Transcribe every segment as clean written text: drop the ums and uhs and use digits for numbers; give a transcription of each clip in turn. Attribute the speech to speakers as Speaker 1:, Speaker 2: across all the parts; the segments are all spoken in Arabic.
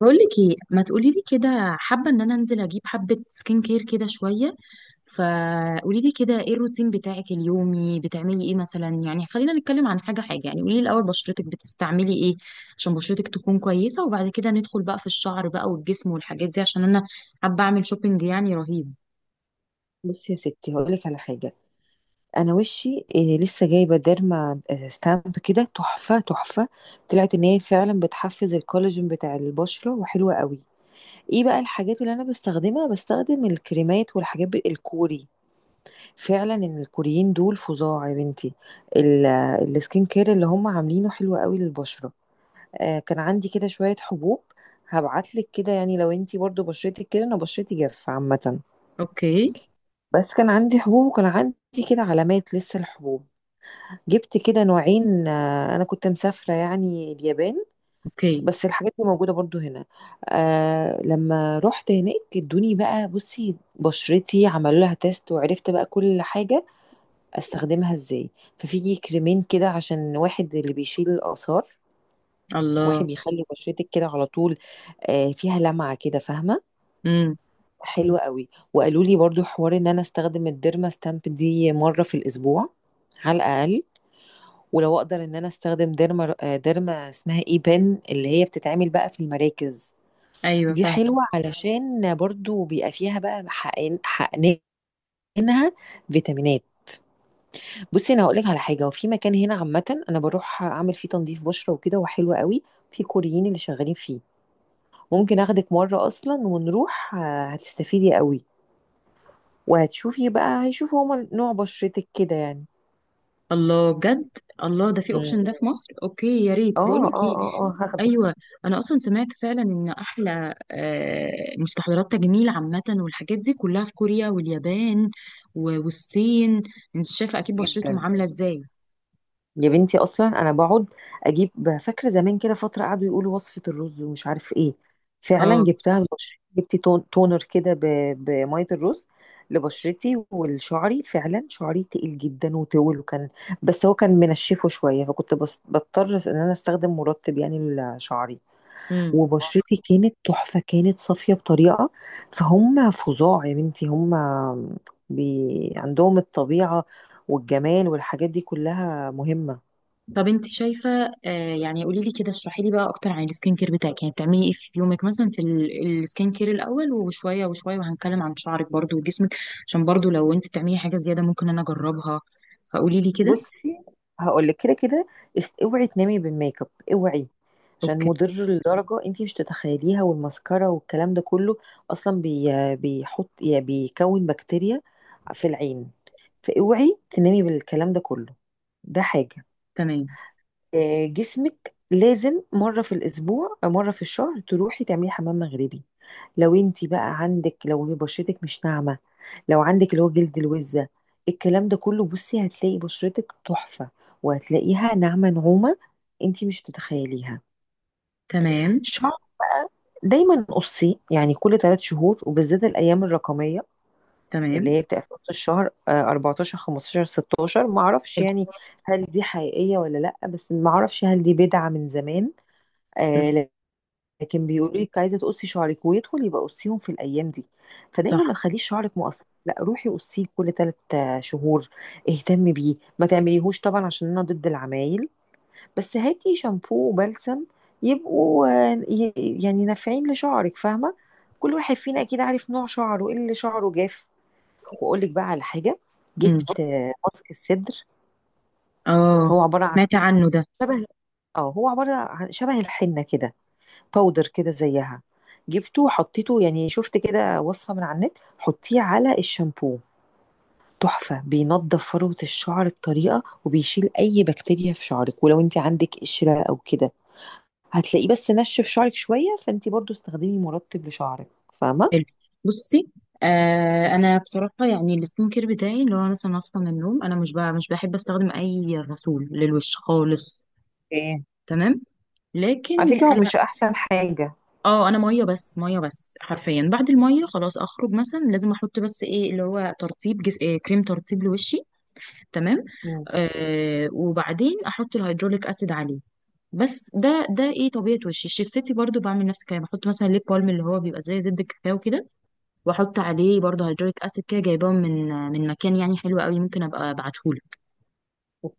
Speaker 1: بقولك ايه، ما تقولي لي كده. حابه ان انا انزل اجيب حبه سكين كير كده شويه. فقولي لي كده، ايه الروتين بتاعك اليومي؟ بتعملي ايه مثلا؟ يعني خلينا نتكلم عن حاجه حاجه، يعني قولي لي الاول، بشرتك بتستعملي ايه؟ عشان بشرتك تكون كويسه، وبعد كده ندخل بقى في الشعر بقى والجسم والحاجات دي، عشان انا حابه اعمل شوبينج يعني رهيب.
Speaker 2: بصي يا ستي، هقول لك على حاجه. انا وشي إيه لسه جايبه ديرما ستامب كده تحفه. طلعت ان هي فعلا بتحفز الكولاجين بتاع البشره وحلوه قوي. ايه بقى الحاجات اللي انا بستخدمها؟ بستخدم الكريمات والحاجات الكوري، فعلا ان الكوريين دول فظاع يا بنتي. ال- السكين كير اللي هم عاملينه حلو قوي للبشره. آه، كان عندي كده شويه حبوب. هبعتلك كده، يعني لو انتي برضو بشرتك كده، انا بشرتي جاف عامه.
Speaker 1: اوكي،
Speaker 2: بس كان عندي حبوب، وكان عندي كده علامات لسه الحبوب. جبت كده نوعين، انا كنت مسافره يعني اليابان،
Speaker 1: اوكي.
Speaker 2: بس الحاجات دي موجوده برضو هنا. آه لما رحت هناك ادوني بقى، بصي بشرتي عملوا لها تيست وعرفت بقى كل حاجه استخدمها ازاي. ففي كريمين كده، عشان واحد اللي بيشيل الاثار، واحد
Speaker 1: الله.
Speaker 2: بيخلي بشرتك كده على طول. فيها لمعة كده، فاهمة؟
Speaker 1: امم.
Speaker 2: حلوة قوي. وقالوا لي برضو حوار ان انا استخدم الديرما ستامب دي مرة في الاسبوع على الاقل، ولو اقدر ان انا استخدم ديرما، ديرما اسمها اي بن، اللي هي بتتعمل بقى في المراكز.
Speaker 1: ايوه.
Speaker 2: دي حلوة علشان برضو بيبقى فيها بقى حقنينها فيتامينات. بصي، انا هقول لك على حاجه. وفي مكان هنا عامه انا بروح اعمل فيه تنظيف بشره وكده، وحلو قوي، في كوريين اللي شغالين فيه. ممكن اخدك مره اصلا ونروح، هتستفيدي قوي. وهتشوفي بقى، هيشوفوا هما نوع بشرتك كده يعني.
Speaker 1: الله، بجد. الله، ده في
Speaker 2: مم.
Speaker 1: اوبشن؟ ده في مصر؟ اوكي، يا ريت.
Speaker 2: اه
Speaker 1: بقول لك
Speaker 2: اه
Speaker 1: ايه؟
Speaker 2: اه اه، هاخدك.
Speaker 1: ايوه. انا اصلا سمعت فعلا ان احلى مستحضرات تجميل عامه والحاجات دي كلها في كوريا واليابان والصين. انت شايفه اكيد بشرتهم
Speaker 2: جدا
Speaker 1: عامله ازاي؟
Speaker 2: يا بنتي، اصلا انا بقعد اجيب. فاكره زمان كده فتره قعدوا يقولوا وصفه الرز ومش عارف ايه، فعلا
Speaker 1: اه.
Speaker 2: جبتها لبشرتي. جبت تون تونر كده بميه الرز، لبشرتي ولشعري. فعلا شعري تقيل جدا وطول، وكان بس هو كان منشفه شويه، فكنت بس بضطر ان انا استخدم مرطب يعني لشعري.
Speaker 1: امم.
Speaker 2: وبشرتي كانت تحفة، كانت صافية بطريقة. فهم فظاع يا بنتي هم، بي عندهم الطبيعة والجمال والحاجات دي كلها مهمة.
Speaker 1: طب انت شايفه. يعني قولي لي كده، اشرحي لي بقى اكتر عن السكين كير بتاعك، يعني بتعملي ايه في يومك مثلا؟ في السكين كير الاول، وشويه وشويه، وهنتكلم عن شعرك برضو وجسمك. عشان برضو لو انت بتعملي حاجه زياده ممكن انا اجربها، فقولي لي كده.
Speaker 2: بصي، هقول لك كده. اوعي تنامي بالميك اب، اوعي، عشان
Speaker 1: اوكي.
Speaker 2: مضر لدرجة انتي مش تتخيليها، والماسكارا والكلام ده كله. اصلا بيحط يعني بيكون بكتيريا في العين. فاوعي تنامي بالكلام ده كله، ده حاجة.
Speaker 1: تمام،
Speaker 2: جسمك لازم مرة في الأسبوع أو مرة في الشهر تروحي تعملي حمام مغربي، لو انتي بقى عندك، لو هي بشرتك مش ناعمة، لو عندك اللي هو جلد الوزة، الكلام ده كله، بصي هتلاقي بشرتك تحفة، وهتلاقيها ناعمة نعومة انتي مش تتخيليها.
Speaker 1: تمام،
Speaker 2: شعر بقى، دايما قصي يعني كل ثلاث شهور، وبالذات الأيام الرقمية اللي
Speaker 1: تمام.
Speaker 2: هي بتبقى في نص الشهر، آه، 14 15 16، ما اعرفش يعني
Speaker 1: حلو.
Speaker 2: هل دي حقيقية ولا لا، بس ما اعرفش هل دي بدعة من زمان،
Speaker 1: مم.
Speaker 2: آه. لكن بيقولوا لك عايزه تقصي شعرك ويدخل، يبقى قصيهم في الايام دي. فدايما ما
Speaker 1: صح.
Speaker 2: تخليش شعرك مقصر، لا روحي قصيه كل ثلاث شهور. اهتمي بيه، ما تعمليهوش طبعا، عشان انا ضد العمايل. بس هاتي شامبو وبلسم يبقوا يعني نافعين لشعرك، فاهمه؟ كل واحد فينا اكيد عارف نوع شعره ايه، اللي شعره جاف. واقول لك بقى على حاجه،
Speaker 1: امم.
Speaker 2: جبت ماسك الصدر.
Speaker 1: اه،
Speaker 2: هو عباره
Speaker 1: سمعت عنه ده.
Speaker 2: شبه عن شبه الحنه كده، باودر كده زيها. جبته حطيته، يعني شفت كده وصفة من على النت، حطيه على الشامبو، تحفة. بينضف فروة الشعر بطريقة، وبيشيل أي بكتيريا في شعرك، ولو أنت عندك قشرة أو كده هتلاقيه. بس نشف شعرك شوية، فأنت برضو استخدمي مرطب لشعرك، فاهمة؟
Speaker 1: حلو. بصي، انا بصراحه يعني السكين كير بتاعي اللي هو مثلا اصحى من النوم، انا مش بحب استخدم اي غسول للوش خالص.
Speaker 2: اوكي.
Speaker 1: تمام.
Speaker 2: على
Speaker 1: لكن
Speaker 2: فكرة هو
Speaker 1: انا
Speaker 2: مش أحسن حاجة.
Speaker 1: اه انا ميه بس، ميه بس حرفيا. بعد الميه خلاص، اخرج مثلا لازم احط بس ايه اللي هو ترطيب إيه، كريم ترطيب لوشي. تمام.
Speaker 2: مم.
Speaker 1: وبعدين احط الهيدروليك اسيد عليه. بس ده ايه طبيعه وشي، شفتي؟ برضو بعمل نفس الكلام، بحط مثلا ليب بالم اللي هو بيبقى زي زبده الكاكاو كده، واحط عليه برضو هيدروليك اسيد. كده جايباهم من مكان يعني حلو قوي، ممكن ابقى ابعتهولك.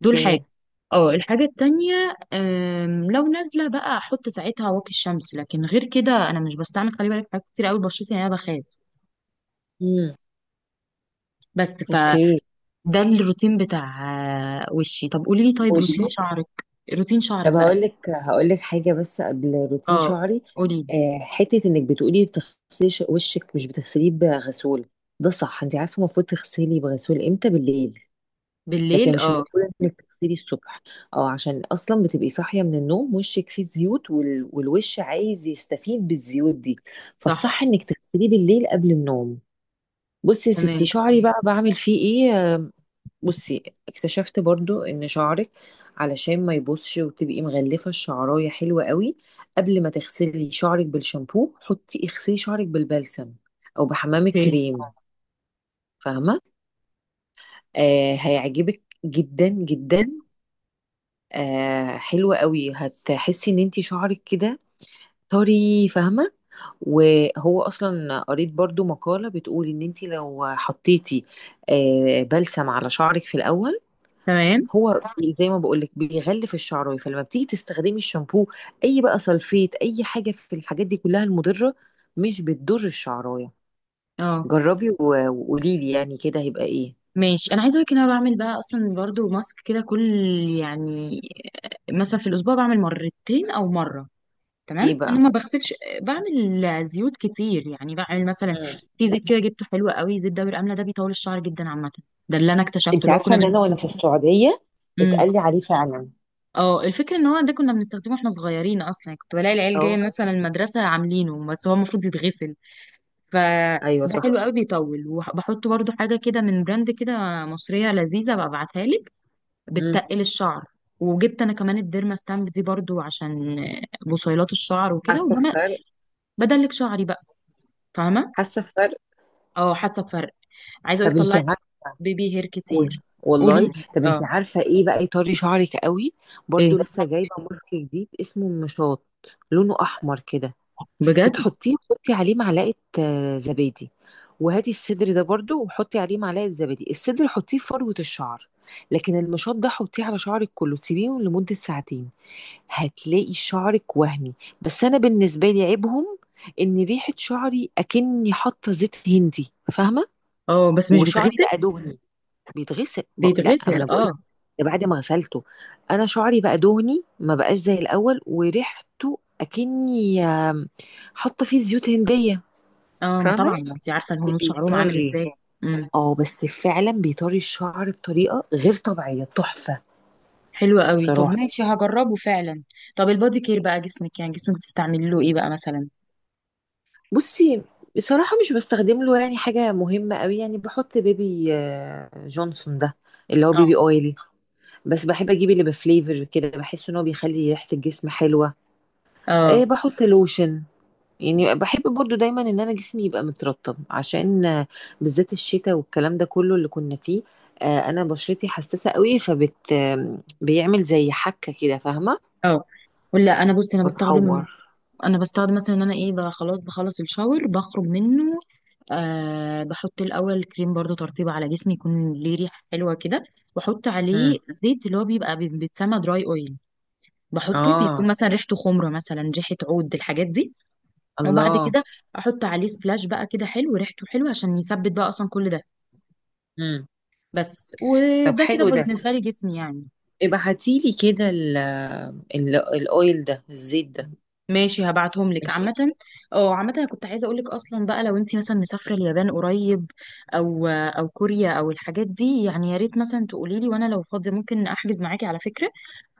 Speaker 1: دول حاجه. اه، الحاجه التانية لو نازله بقى احط ساعتها واقي الشمس، لكن غير كده انا مش بستعمل، خلي بالك حاجات كتير قوي، بشرتي يعني انا بخاف
Speaker 2: مم.
Speaker 1: بس.
Speaker 2: اوكي.
Speaker 1: فده الروتين بتاع وشي. طب قولي لي، طيب روتين
Speaker 2: والشامبو.
Speaker 1: شعرك. روتين شعرك
Speaker 2: طب
Speaker 1: بقى.
Speaker 2: هقول لك حاجه بس قبل روتين
Speaker 1: اه،
Speaker 2: شعري.
Speaker 1: قولي لي.
Speaker 2: حته انك بتقولي بتغسلي وشك مش بتغسليه بغسول، ده صح. انت عارفه المفروض تغسلي بغسول امتى؟ بالليل. لكن
Speaker 1: بالليل،
Speaker 2: مش
Speaker 1: اه.
Speaker 2: المفروض انك تغسلي الصبح، او عشان اصلا بتبقي صاحيه من النوم وشك فيه زيوت، والوش عايز يستفيد بالزيوت دي.
Speaker 1: صح.
Speaker 2: فالصح انك تغسليه بالليل قبل النوم. بصي يا ستي،
Speaker 1: تمام.
Speaker 2: شعري بقى بعمل فيه ايه. بصي، اكتشفت برضو ان شعرك علشان ما يبوظش وتبقي مغلفه الشعرايه حلوه قوي، قبل ما تغسلي شعرك بالشامبو حطي اغسلي شعرك بالبلسم او بحمام
Speaker 1: اوكي.
Speaker 2: الكريم، فاهمه؟ آه هيعجبك جدا جدا. آه حلوه قوي، هتحسي ان انتي شعرك كده طري، فاهمه؟ وهو اصلا قريت برضو مقاله بتقول ان انتي لو حطيتي آه بلسم على شعرك في الاول،
Speaker 1: تمام.
Speaker 2: هو زي ما بقولك بيغلف الشعرايه، فلما بتيجي تستخدمي الشامبو، اي بقى سلفيت اي حاجه في الحاجات دي كلها المضره، مش بتضر الشعرايه.
Speaker 1: اه.
Speaker 2: جربي وقولي لي يعني كده هيبقى ايه.
Speaker 1: ماشي، انا عايزه اقولك ان انا بعمل بقى اصلا برضو ماسك كده كل، يعني مثلا في الاسبوع بعمل مرتين او مره.
Speaker 2: ايه
Speaker 1: تمام، انا
Speaker 2: بقى.
Speaker 1: ما بغسلش. بعمل زيوت كتير، يعني بعمل مثلا.
Speaker 2: مم.
Speaker 1: في زيت كده جبته حلو قوي، زيت دوري الامله ده بيطول الشعر جدا عامه. ده اللي انا اكتشفته
Speaker 2: انت
Speaker 1: اللي هو
Speaker 2: عارفه
Speaker 1: كنا
Speaker 2: ان
Speaker 1: بن...
Speaker 2: انا وانا في السعوديه
Speaker 1: مم.
Speaker 2: اتقال لي عليه فعلا.
Speaker 1: اه، الفكره ان هو ده كنا بنستخدمه واحنا صغيرين اصلا، يعني كنت بلاقي العيال جايه
Speaker 2: اه
Speaker 1: مثلا المدرسه عاملينه، بس هو المفروض يتغسل. ف
Speaker 2: ايوه
Speaker 1: ده حلو
Speaker 2: صح.
Speaker 1: قوي بيطول. وبحط برضو حاجه كده من براند كده مصريه لذيذه ببعتها لك،
Speaker 2: مم.
Speaker 1: بتتقل الشعر. وجبت انا كمان الديرما ستامب دي برضو عشان بصيلات الشعر وكده،
Speaker 2: حاسه بفرق.
Speaker 1: وبدلك شعري بقى، فاهمه؟
Speaker 2: حاسه بفرق.
Speaker 1: اه، حاسه بفرق. عايزه
Speaker 2: طب
Speaker 1: اقولك
Speaker 2: انت
Speaker 1: طلعت
Speaker 2: عارفه؟
Speaker 1: بيبي هير
Speaker 2: قول.
Speaker 1: كتير. قولي
Speaker 2: والله.
Speaker 1: لي،
Speaker 2: طب انت
Speaker 1: اه.
Speaker 2: عارفه ايه بقى يطري شعرك قوي؟
Speaker 1: ايه؟
Speaker 2: برضو لسه جايبه ماسك جديد اسمه مشاط، لونه احمر كده.
Speaker 1: بجد؟
Speaker 2: بتحطيه وتحطي عليه معلقه زبادي، وهاتي الصدر ده برضو وحطي عليه معلقه زبادي، الصدر حطيه في فروه الشعر، لكن المشط ده حطيه على شعرك كله، سيبيه لمده ساعتين، هتلاقي شعرك وهمي. بس انا بالنسبه لي عيبهم ان ريحه شعري اكني حاطه زيت هندي، فاهمه؟
Speaker 1: اه، بس مش
Speaker 2: وشعري
Speaker 1: بيتغسل؟
Speaker 2: بقى دهني بيتغسل لا ما
Speaker 1: بيتغسل،
Speaker 2: انا بقول
Speaker 1: اه.
Speaker 2: ده بعد ما غسلته. انا شعري بقى دهني ما بقاش زي الاول، وريحته اكني حاطه فيه زيوت هنديه،
Speaker 1: اه، ما طبعا
Speaker 2: فاهمه؟
Speaker 1: انت عارفه
Speaker 2: بس
Speaker 1: الهنود شعرهم عامل
Speaker 2: بيطري،
Speaker 1: ازاي. امم.
Speaker 2: اه بس فعلا بيطري الشعر بطريقه غير طبيعيه، تحفه.
Speaker 1: حلو قوي. طب
Speaker 2: بصراحه.
Speaker 1: ماشي، هجربه فعلا. طب البادي كير بقى، جسمك يعني، جسمك بتستعملي له ايه بقى مثلا؟
Speaker 2: بصي، بصراحه مش بستخدم له يعني حاجه مهمه قوي. يعني بحط بيبي، جونسون ده اللي هو بيبي
Speaker 1: اه،
Speaker 2: اويلي، بس بحب اجيب اللي بفليفر كده، بحس ان هو بيخلي ريحه الجسم حلوه. إيه،
Speaker 1: اه،
Speaker 2: بحط لوشن، يعني بحب برضو دايما ان انا جسمي يبقى مترطب، عشان بالذات الشتاء والكلام ده كله اللي كنا فيه. انا بشرتي حساسة قوي، فبت آم، بيعمل زي حكة كده، فاهمة؟
Speaker 1: اه. ولا انا، بصي انا بستخدم
Speaker 2: بتعور.
Speaker 1: انا بستخدم مثلا ان انا ايه بقى، خلاص بخلص الشاور بخرج منه. بحط الاول كريم برضو ترطيب على جسمي يكون ليه ريحه حلوه كده. واحط
Speaker 2: امم.
Speaker 1: عليه زيت اللي هو بيبقى بيتسمى دراي اويل. بحطه بيكون
Speaker 2: اه.
Speaker 1: مثلا ريحته خمره، مثلا ريحه عود، الحاجات دي. وبعد
Speaker 2: الله.
Speaker 1: كده احط عليه سبلاش بقى كده حلو ريحته حلوه عشان يثبت بقى اصلا كل ده
Speaker 2: امم.
Speaker 1: بس.
Speaker 2: طب
Speaker 1: وده كده
Speaker 2: حلو ده،
Speaker 1: بالنسبه لي جسمي يعني.
Speaker 2: ابعتيلي كده ال الاويل ده، الزيت ده.
Speaker 1: ماشي، هبعتهم لك
Speaker 2: ماشي.
Speaker 1: عامة. اه عامة، انا كنت عايزة اقول لك اصلا بقى لو انت مثلا مسافرة اليابان قريب، او كوريا او الحاجات دي يعني، يا ريت مثلا تقولي لي، وانا لو فاضية ممكن احجز معاكي على فكرة،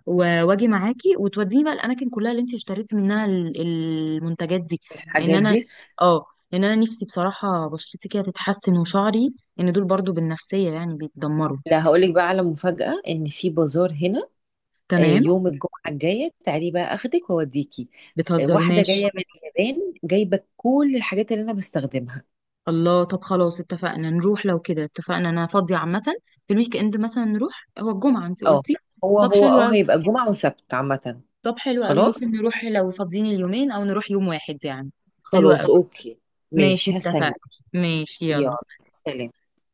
Speaker 1: واجي معاكي، وتوديني بقى الاماكن كلها اللي انت اشتريتي منها المنتجات دي. لان
Speaker 2: الحاجات
Speaker 1: انا
Speaker 2: دي،
Speaker 1: اه لان انا نفسي بصراحة بشرتي كده تتحسن وشعري، ان دول برضو بالنفسية يعني بيتدمروا.
Speaker 2: لا هقولك بقى على مفاجأة، ان في بازار هنا،
Speaker 1: تمام.
Speaker 2: يوم الجمعة الجاية تعالي بقى اخدك واوديكي،
Speaker 1: بتهزري؟
Speaker 2: واحدة
Speaker 1: ماشي.
Speaker 2: جاية من اليابان جايبة كل الحاجات اللي انا بستخدمها.
Speaker 1: الله، طب خلاص اتفقنا، نروح لو كده اتفقنا. انا فاضية عامة في الويك اند، مثلا نروح. هو الجمعة انت
Speaker 2: اه.
Speaker 1: قلتي؟
Speaker 2: هو
Speaker 1: طب
Speaker 2: هو
Speaker 1: حلو
Speaker 2: اه
Speaker 1: أوي.
Speaker 2: هيبقى جمعة وسبت عامة.
Speaker 1: طب حلو أوي، ممكن
Speaker 2: خلاص
Speaker 1: نروح لو فاضيين اليومين او نروح يوم واحد يعني. حلو
Speaker 2: خلاص،
Speaker 1: أوي.
Speaker 2: اوكي.
Speaker 1: ماشي،
Speaker 2: ماشي، هستنى.
Speaker 1: اتفقنا. ماشي، يلا.
Speaker 2: يلا. سلام.